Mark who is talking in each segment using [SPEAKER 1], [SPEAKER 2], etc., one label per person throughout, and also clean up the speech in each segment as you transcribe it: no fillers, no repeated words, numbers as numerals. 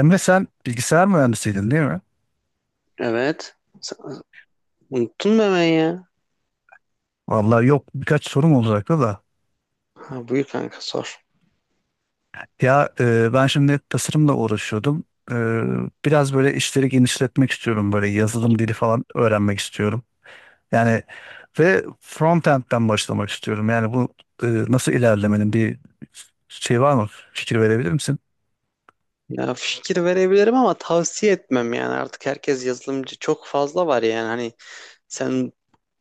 [SPEAKER 1] Emre sen bilgisayar mühendisiydin değil mi?
[SPEAKER 2] Evet. Sen- Unuttun mu hemen ya?
[SPEAKER 1] Vallahi yok birkaç sorum olacaktı da.
[SPEAKER 2] Ha, buyur kanka sor.
[SPEAKER 1] Ya ben şimdi tasarımla uğraşıyordum. E, biraz böyle işleri genişletmek istiyorum. Böyle yazılım dili falan öğrenmek istiyorum. Yani ve frontend'den başlamak istiyorum. Yani bu nasıl ilerlemenin bir şey var mı? Fikir verebilir misin?
[SPEAKER 2] Ya fikir verebilirim ama tavsiye etmem, yani artık herkes yazılımcı, çok fazla var, yani hani sen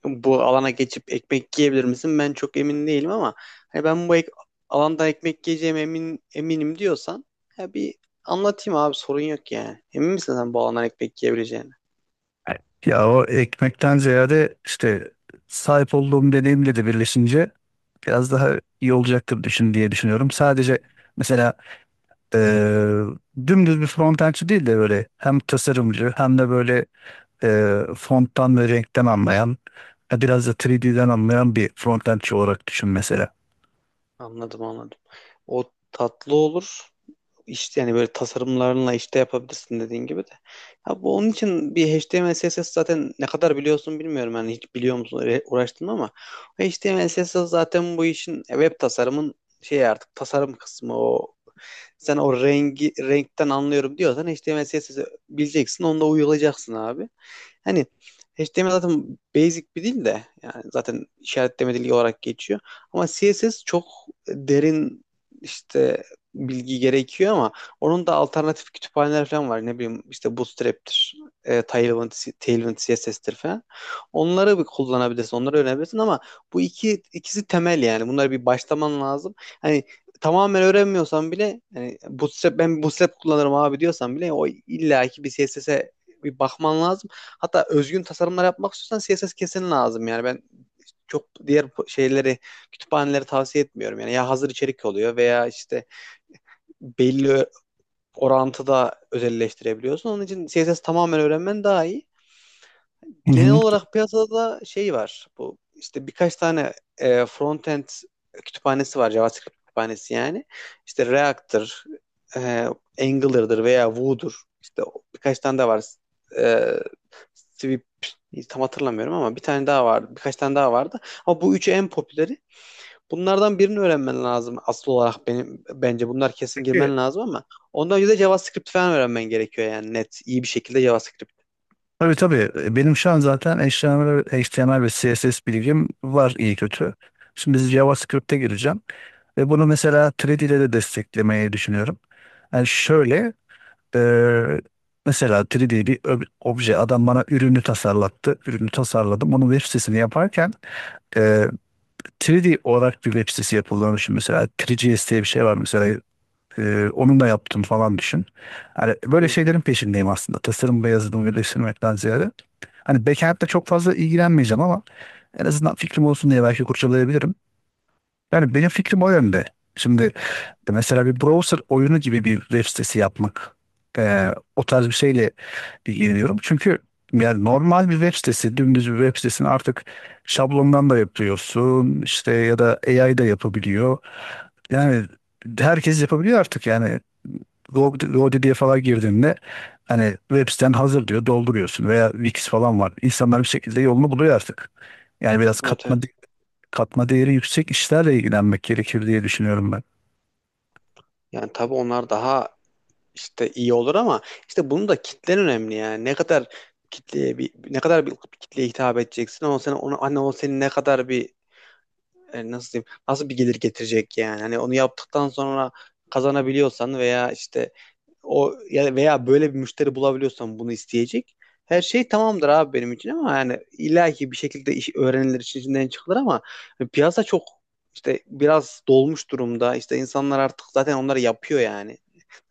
[SPEAKER 2] bu alana geçip ekmek yiyebilir misin? Ben çok emin değilim ama hani ben bu alanda ekmek yiyeceğim, eminim diyorsan ya bir anlatayım abi, sorun yok yani. Emin misin sen bu alandan ekmek yiyebileceğini?
[SPEAKER 1] Ya, o ekmekten ziyade işte sahip olduğum deneyimle de birleşince biraz daha iyi olacaktır düşün diye düşünüyorum. Sadece mesela eee, dümdüz bir frontendçi değil de böyle hem tasarımcı hem de böyle fonttan ve renkten anlayan, biraz da 3D'den anlayan bir frontendçi olarak düşün mesela.
[SPEAKER 2] Anladım, anladım. O tatlı olur. işte yani böyle tasarımlarınla işte yapabilirsin dediğin gibi de. Ya bu onun için bir HTML CSS zaten ne kadar biliyorsun bilmiyorum, yani hiç biliyor musun, öyle uğraştın mı ama HTML CSS zaten bu işin web tasarımın şey artık tasarım kısmı o, sen o rengi renkten anlıyorum diyorsan HTML CSS'i bileceksin. Onunla uyulacaksın abi. Hani HTML zaten basic bir dil de, yani zaten işaretleme dili olarak geçiyor. Ama CSS çok derin işte bilgi gerekiyor, ama onun da alternatif kütüphaneler falan var. Ne bileyim işte Bootstrap'tir, e, Tailwind, Tailwind CSS'tir falan. Onları bir kullanabilirsin, onları öğrenebilirsin ama bu ikisi temel yani. Bunları bir başlaman lazım. Hani tamamen öğrenmiyorsan bile yani ben bootstrap kullanırım abi diyorsan bile o illaki bir CSS'e bir bakman lazım. Hatta özgün tasarımlar yapmak istiyorsan CSS kesin lazım, yani ben çok diğer şeyleri, kütüphaneleri tavsiye etmiyorum. Yani ya hazır içerik oluyor veya işte belli orantıda özelleştirebiliyorsun. Onun için CSS tamamen öğrenmen daha iyi.
[SPEAKER 1] Hı
[SPEAKER 2] Genel
[SPEAKER 1] hı.
[SPEAKER 2] olarak piyasada şey var. Bu işte birkaç tane frontend kütüphanesi var. JavaScript kütüphanesi yani. İşte React'tır, e, Angular'dır veya Vue'dur. İşte birkaç tane daha var. E, Swift tam hatırlamıyorum ama bir tane daha vardı. Birkaç tane daha vardı. Ama bu üçü en popüleri. Bunlardan birini öğrenmen lazım asıl olarak, benim bence bunlar kesin,
[SPEAKER 1] Peki.
[SPEAKER 2] girmen lazım ama ondan önce de JavaScript falan öğrenmen gerekiyor yani, net iyi bir şekilde JavaScript.
[SPEAKER 1] Tabii tabii. Benim şu an zaten HTML ve CSS bilgim var iyi kötü. Şimdi JavaScript'e gireceğim. Ve bunu mesela 3D ile de desteklemeyi düşünüyorum. Yani şöyle, e, mesela 3D bir obje, adam bana ürünü tasarlattı. Ürünü tasarladım. Onun web sitesini yaparken e, 3D olarak bir web sitesi yapıldığını düşün. Mesela 3GS diye bir şey var mesela. Onunla yaptım falan düşün. Hani
[SPEAKER 2] Hı
[SPEAKER 1] böyle
[SPEAKER 2] hı.
[SPEAKER 1] şeylerin peşindeyim aslında. Tasarım ve yazılımı birleştirmekten ziyade. Hani backend'le çok fazla ilgilenmeyeceğim ama en azından fikrim olsun diye belki kurcalayabilirim. Yani benim fikrim o yönde. Şimdi mesela bir browser oyunu gibi bir web sitesi yapmak, o tarz bir şeyle ilgileniyorum. Çünkü yani normal bir web sitesi, dümdüz bir web sitesini artık şablondan da yapıyorsun işte, ya da AI da yapabiliyor. Yani herkes yapabiliyor artık yani. GoDaddy'ye falan girdiğinde hani web siten hazır diyor, dolduruyorsun, veya Wix falan var. İnsanlar bir şekilde yolunu buluyor artık. Yani biraz
[SPEAKER 2] Evet,
[SPEAKER 1] katma
[SPEAKER 2] evet.
[SPEAKER 1] katma değeri yüksek işlerle ilgilenmek gerekir diye düşünüyorum ben.
[SPEAKER 2] Yani tabii onlar daha işte iyi olur ama işte bunun da kitlen önemli yani. Ne kadar bir kitleye hitap edeceksin, ama sen ona hani o senin ne kadar bir nasıl diyeyim, nasıl bir gelir getirecek yani, hani onu yaptıktan sonra kazanabiliyorsan veya işte o ya veya böyle bir müşteri bulabiliyorsan bunu isteyecek, her şey tamamdır abi benim için, ama yani illaki bir şekilde iş öğrenilir, işin içinden çıkılır ama piyasa çok işte biraz dolmuş durumda, işte insanlar artık zaten onları yapıyor yani.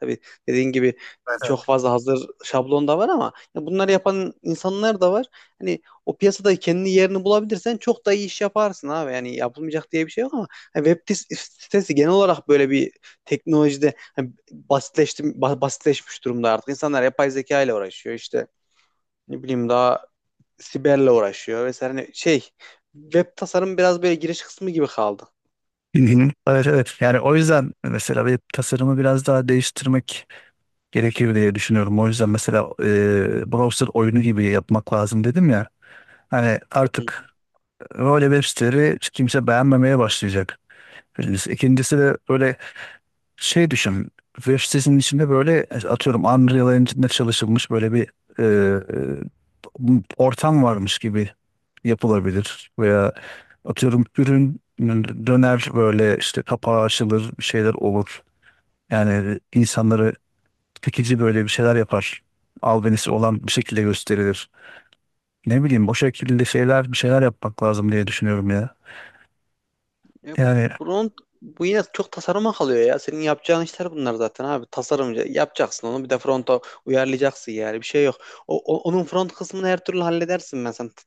[SPEAKER 2] Tabii, dediğin gibi,
[SPEAKER 1] Evet evet.
[SPEAKER 2] çok fazla hazır şablon da var ama ya, bunları yapan insanlar da var. Hani o piyasada kendi yerini bulabilirsen çok da iyi iş yaparsın abi. Yani yapılmayacak diye bir şey yok, ama hani web sitesi genel olarak böyle bir teknolojide hani basitleşti, basitleşmiş durumda artık. İnsanlar yapay zeka ile uğraşıyor, işte ne bileyim, daha siberle uğraşıyor vesaire. Hani şey, web tasarım biraz böyle giriş kısmı gibi kaldı.
[SPEAKER 1] Hı hı. Evet, evet. Yani o yüzden mesela web tasarımı biraz daha değiştirmek gerekir diye düşünüyorum. O yüzden mesela browser oyunu gibi yapmak lazım dedim ya. Hani artık böyle web siteleri kimse beğenmemeye başlayacak. Birincisi. İkincisi de böyle şey düşün. Web sitesinin içinde böyle atıyorum Unreal Engine'de çalışılmış böyle bir ortam varmış gibi yapılabilir. Veya atıyorum ürün döner, böyle işte kapağı açılır, bir şeyler olur. Yani insanları çekici böyle bir şeyler yapar. Albenisi olan bir şekilde gösterilir. Ne bileyim o şekilde şeyler bir şeyler yapmak lazım diye düşünüyorum ya.
[SPEAKER 2] Ya
[SPEAKER 1] Yani.
[SPEAKER 2] front, bu yine çok tasarıma kalıyor ya. Senin yapacağın işler bunlar zaten abi. Tasarımcı yapacaksın, onu bir de fronta uyarlayacaksın yani. Bir şey yok. Onun front kısmını her türlü halledersin, ben sen t-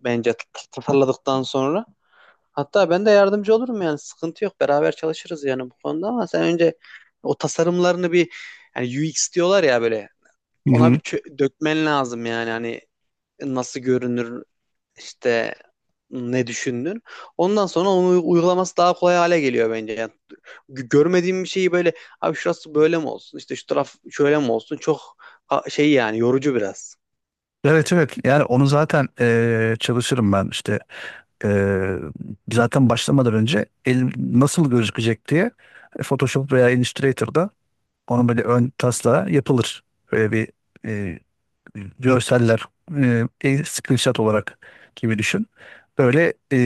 [SPEAKER 2] bence t- tasarladıktan sonra. Hatta ben de yardımcı olurum yani. Sıkıntı yok. Beraber çalışırız yani bu konuda, ama sen önce o tasarımlarını bir, yani UX diyorlar ya böyle,
[SPEAKER 1] Hı
[SPEAKER 2] ona bir
[SPEAKER 1] hı.
[SPEAKER 2] dökmen lazım yani. Hani nasıl görünür, işte ne düşündün. Ondan sonra onu uygulaması daha kolay hale geliyor bence. Yani görmediğim bir şeyi böyle abi şurası böyle mi olsun, işte şu taraf şöyle mi olsun, çok şey yani, yorucu biraz.
[SPEAKER 1] Evet evet, yani onu zaten çalışırım ben işte. Ee, zaten başlamadan önce el nasıl gözükecek diye Photoshop veya Illustrator'da onun böyle ön taslağı yapılır. Böyle bir e, görseller, el screenshot olarak gibi düşün. Böyle e,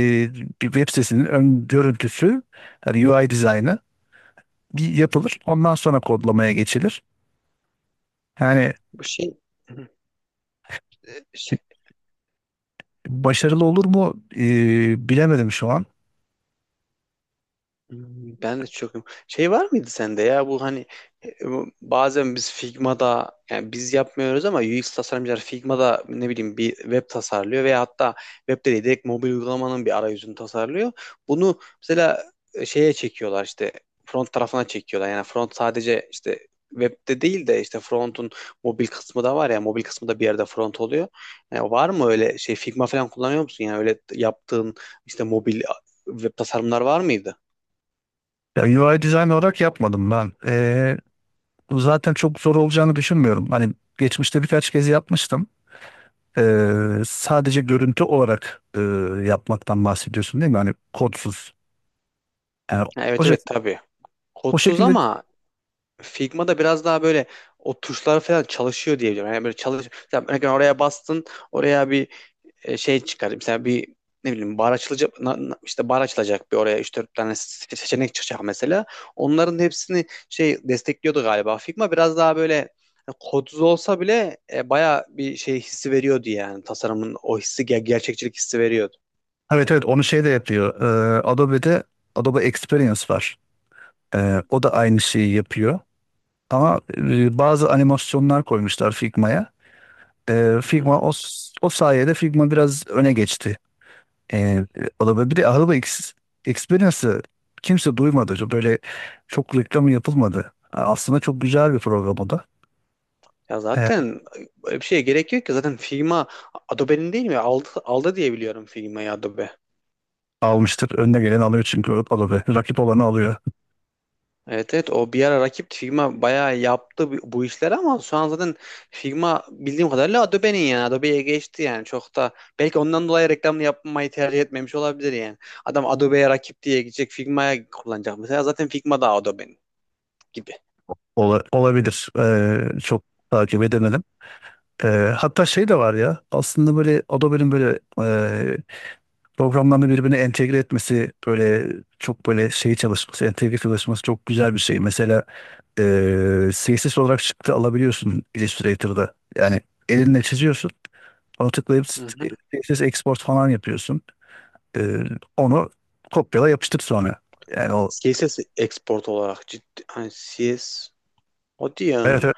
[SPEAKER 1] bir web sitesinin ön görüntüsü, yani UI dizaynı bir
[SPEAKER 2] Hı.
[SPEAKER 1] yapılır. Ondan sonra kodlamaya geçilir. Yani.
[SPEAKER 2] Bu şey. Hı.
[SPEAKER 1] Başarılı olur mu? Bilemedim şu an.
[SPEAKER 2] Ben de çok şey var mıydı sende ya, bu hani bu bazen biz Figma'da, yani biz yapmıyoruz ama UX tasarımcılar Figma'da ne bileyim bir web tasarlıyor, veya hatta web de değil, direkt mobil uygulamanın bir arayüzünü tasarlıyor. Bunu mesela şeye çekiyorlar, işte front tarafına çekiyorlar. Yani front sadece işte webde değil de, işte front'un mobil kısmı da var ya, mobil kısmı da bir yerde front oluyor. Yani var mı öyle şey, Figma falan kullanıyor musun? Yani öyle yaptığın işte mobil web tasarımlar var mıydı?
[SPEAKER 1] Ya, UI design olarak yapmadım ben. Zaten çok zor olacağını düşünmüyorum. Hani geçmişte birkaç kez yapmıştım. Sadece görüntü olarak yapmaktan bahsediyorsun değil mi? Hani kodsuz. Yani
[SPEAKER 2] Ha,
[SPEAKER 1] o,
[SPEAKER 2] evet
[SPEAKER 1] şek-
[SPEAKER 2] evet tabii.
[SPEAKER 1] o
[SPEAKER 2] Kodsuz
[SPEAKER 1] şekilde,
[SPEAKER 2] ama Figma'da biraz daha böyle o tuşlar falan çalışıyor diyebilirim. Yani böyle çalış mesela, örneğin oraya bastın, oraya bir şey çıkar. Mesela bir ne bileyim bar açılacak işte bar açılacak bir oraya 3-4 tane seçenek çıkacak mesela. Onların hepsini şey destekliyordu galiba. Figma biraz daha böyle kodsuz olsa bile baya bir şey hissi veriyordu yani. Tasarımın o hissi gerçekçilik hissi veriyordu.
[SPEAKER 1] evet evet, onu şey de yapıyor. Adobe'de Adobe Experience var. O da aynı şeyi yapıyor. Ama bazı animasyonlar koymuşlar Figma'ya. Figma o sayede Figma biraz öne geçti. Ee, Adobe, bir de Adobe Experience'ı kimse duymadı. Böyle çok reklamı yapılmadı. Aslında çok güzel bir program o da.
[SPEAKER 2] Ya zaten böyle bir şeye gerek yok ki. Zaten Figma Adobe'nin değil mi? Aldı, aldı diye biliyorum, Figma'yı Adobe.
[SPEAKER 1] Almıştır. Önüne gelen alıyor çünkü Adobe. Rakip olanı alıyor.
[SPEAKER 2] Evet, evet, o bir ara rakip, Figma bayağı yaptı bu işleri ama şu an zaten Figma bildiğim kadarıyla Adobe'nin, yani Adobe'ye geçti yani, çok da belki ondan dolayı reklamını yapmayı tercih etmemiş olabilir yani. Adam Adobe'ye rakip diye gidecek Figma'ya kullanacak mesela, zaten Figma da Adobe'nin gibi.
[SPEAKER 1] Olabilir. Çok takip edemedim. Ee, hatta şey de var ya, aslında böyle Adobe'nin böyle programlarını birbirine entegre etmesi, böyle çok böyle şey çalışması, entegre çalışması çok güzel bir şey. Mesela CSS olarak çıktı alabiliyorsun Illustrator'da. Yani elinle çiziyorsun. Onu tıklayıp
[SPEAKER 2] Hı hı.
[SPEAKER 1] CSS export falan yapıyorsun. Ee, onu kopyala yapıştır sonra. Yani o.
[SPEAKER 2] CSS export olarak, ciddi hani, CS o
[SPEAKER 1] Evet,
[SPEAKER 2] diyor.
[SPEAKER 1] evet.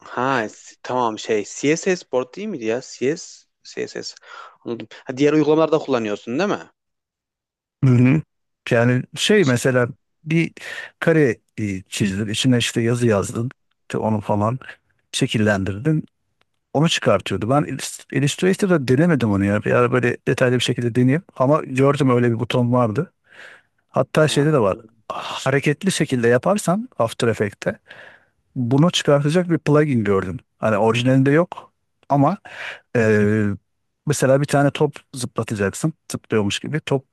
[SPEAKER 2] Ha, tamam, şey CSS Board değil miydi ya? CS CSS. Anladım. Ha, diğer uygulamalarda kullanıyorsun değil mi?
[SPEAKER 1] Hı hı. Yani şey
[SPEAKER 2] Şey.
[SPEAKER 1] mesela bir kare çizdin, içine işte yazı yazdın, işte onu falan şekillendirdin, onu çıkartıyordu. Ben Illustrator'da denemedim onu ya. Bir ara böyle detaylı bir şekilde deneyeyim. Ama gördüm öyle bir buton vardı. Hatta şeyde
[SPEAKER 2] Ha.
[SPEAKER 1] de var. Hareketli şekilde yaparsan After Effects'te bunu çıkartacak bir plugin gördüm. Hani orijinalinde yok ama ee, mesela bir tane top zıplatacaksın. Zıplıyormuş gibi. Top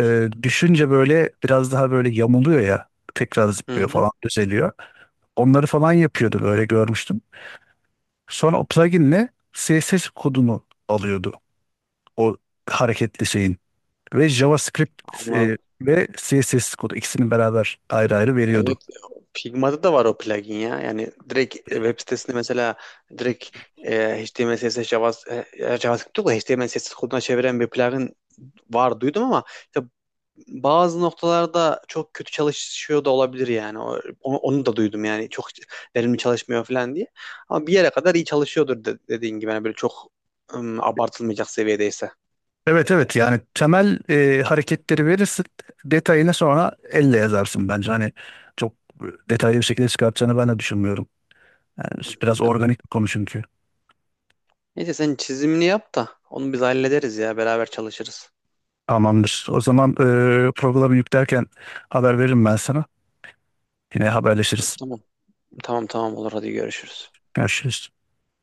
[SPEAKER 1] düşünce böyle biraz daha böyle yamuluyor ya. Tekrar
[SPEAKER 2] Hı
[SPEAKER 1] zıplıyor
[SPEAKER 2] hı.
[SPEAKER 1] falan düzeliyor. Onları falan yapıyordu böyle görmüştüm. Sonra o pluginle CSS kodunu alıyordu. O hareketli şeyin. Ve JavaScript
[SPEAKER 2] Anladım.
[SPEAKER 1] ve CSS kodu ikisini beraber ayrı ayrı veriyordu.
[SPEAKER 2] Evet, Figma'da da var o plugin ya. Yani direkt web sitesinde mesela direkt HTML, CSS, Java, JavaScript yok da HTML, CSS koduna çeviren bir plugin var duydum, ama işte bazı noktalarda çok kötü çalışıyor da olabilir yani. Onu da duydum yani çok verimli çalışmıyor falan diye. Ama bir yere kadar iyi çalışıyordur dediğin gibi. Yani böyle çok abartılmayacak seviyedeyse.
[SPEAKER 1] Evet evet, yani temel hareketleri verirsin, detayını sonra elle yazarsın bence, hani çok detaylı bir şekilde çıkartacağını ben de düşünmüyorum. Yani biraz organik bir konu çünkü.
[SPEAKER 2] Neyse sen çizimini yap da onu biz hallederiz ya, beraber çalışırız.
[SPEAKER 1] Tamamdır. O zaman programı yüklerken haber veririm ben sana. Yine haberleşiriz.
[SPEAKER 2] Tamam. Tamam tamam olur, hadi görüşürüz.
[SPEAKER 1] Görüşürüz.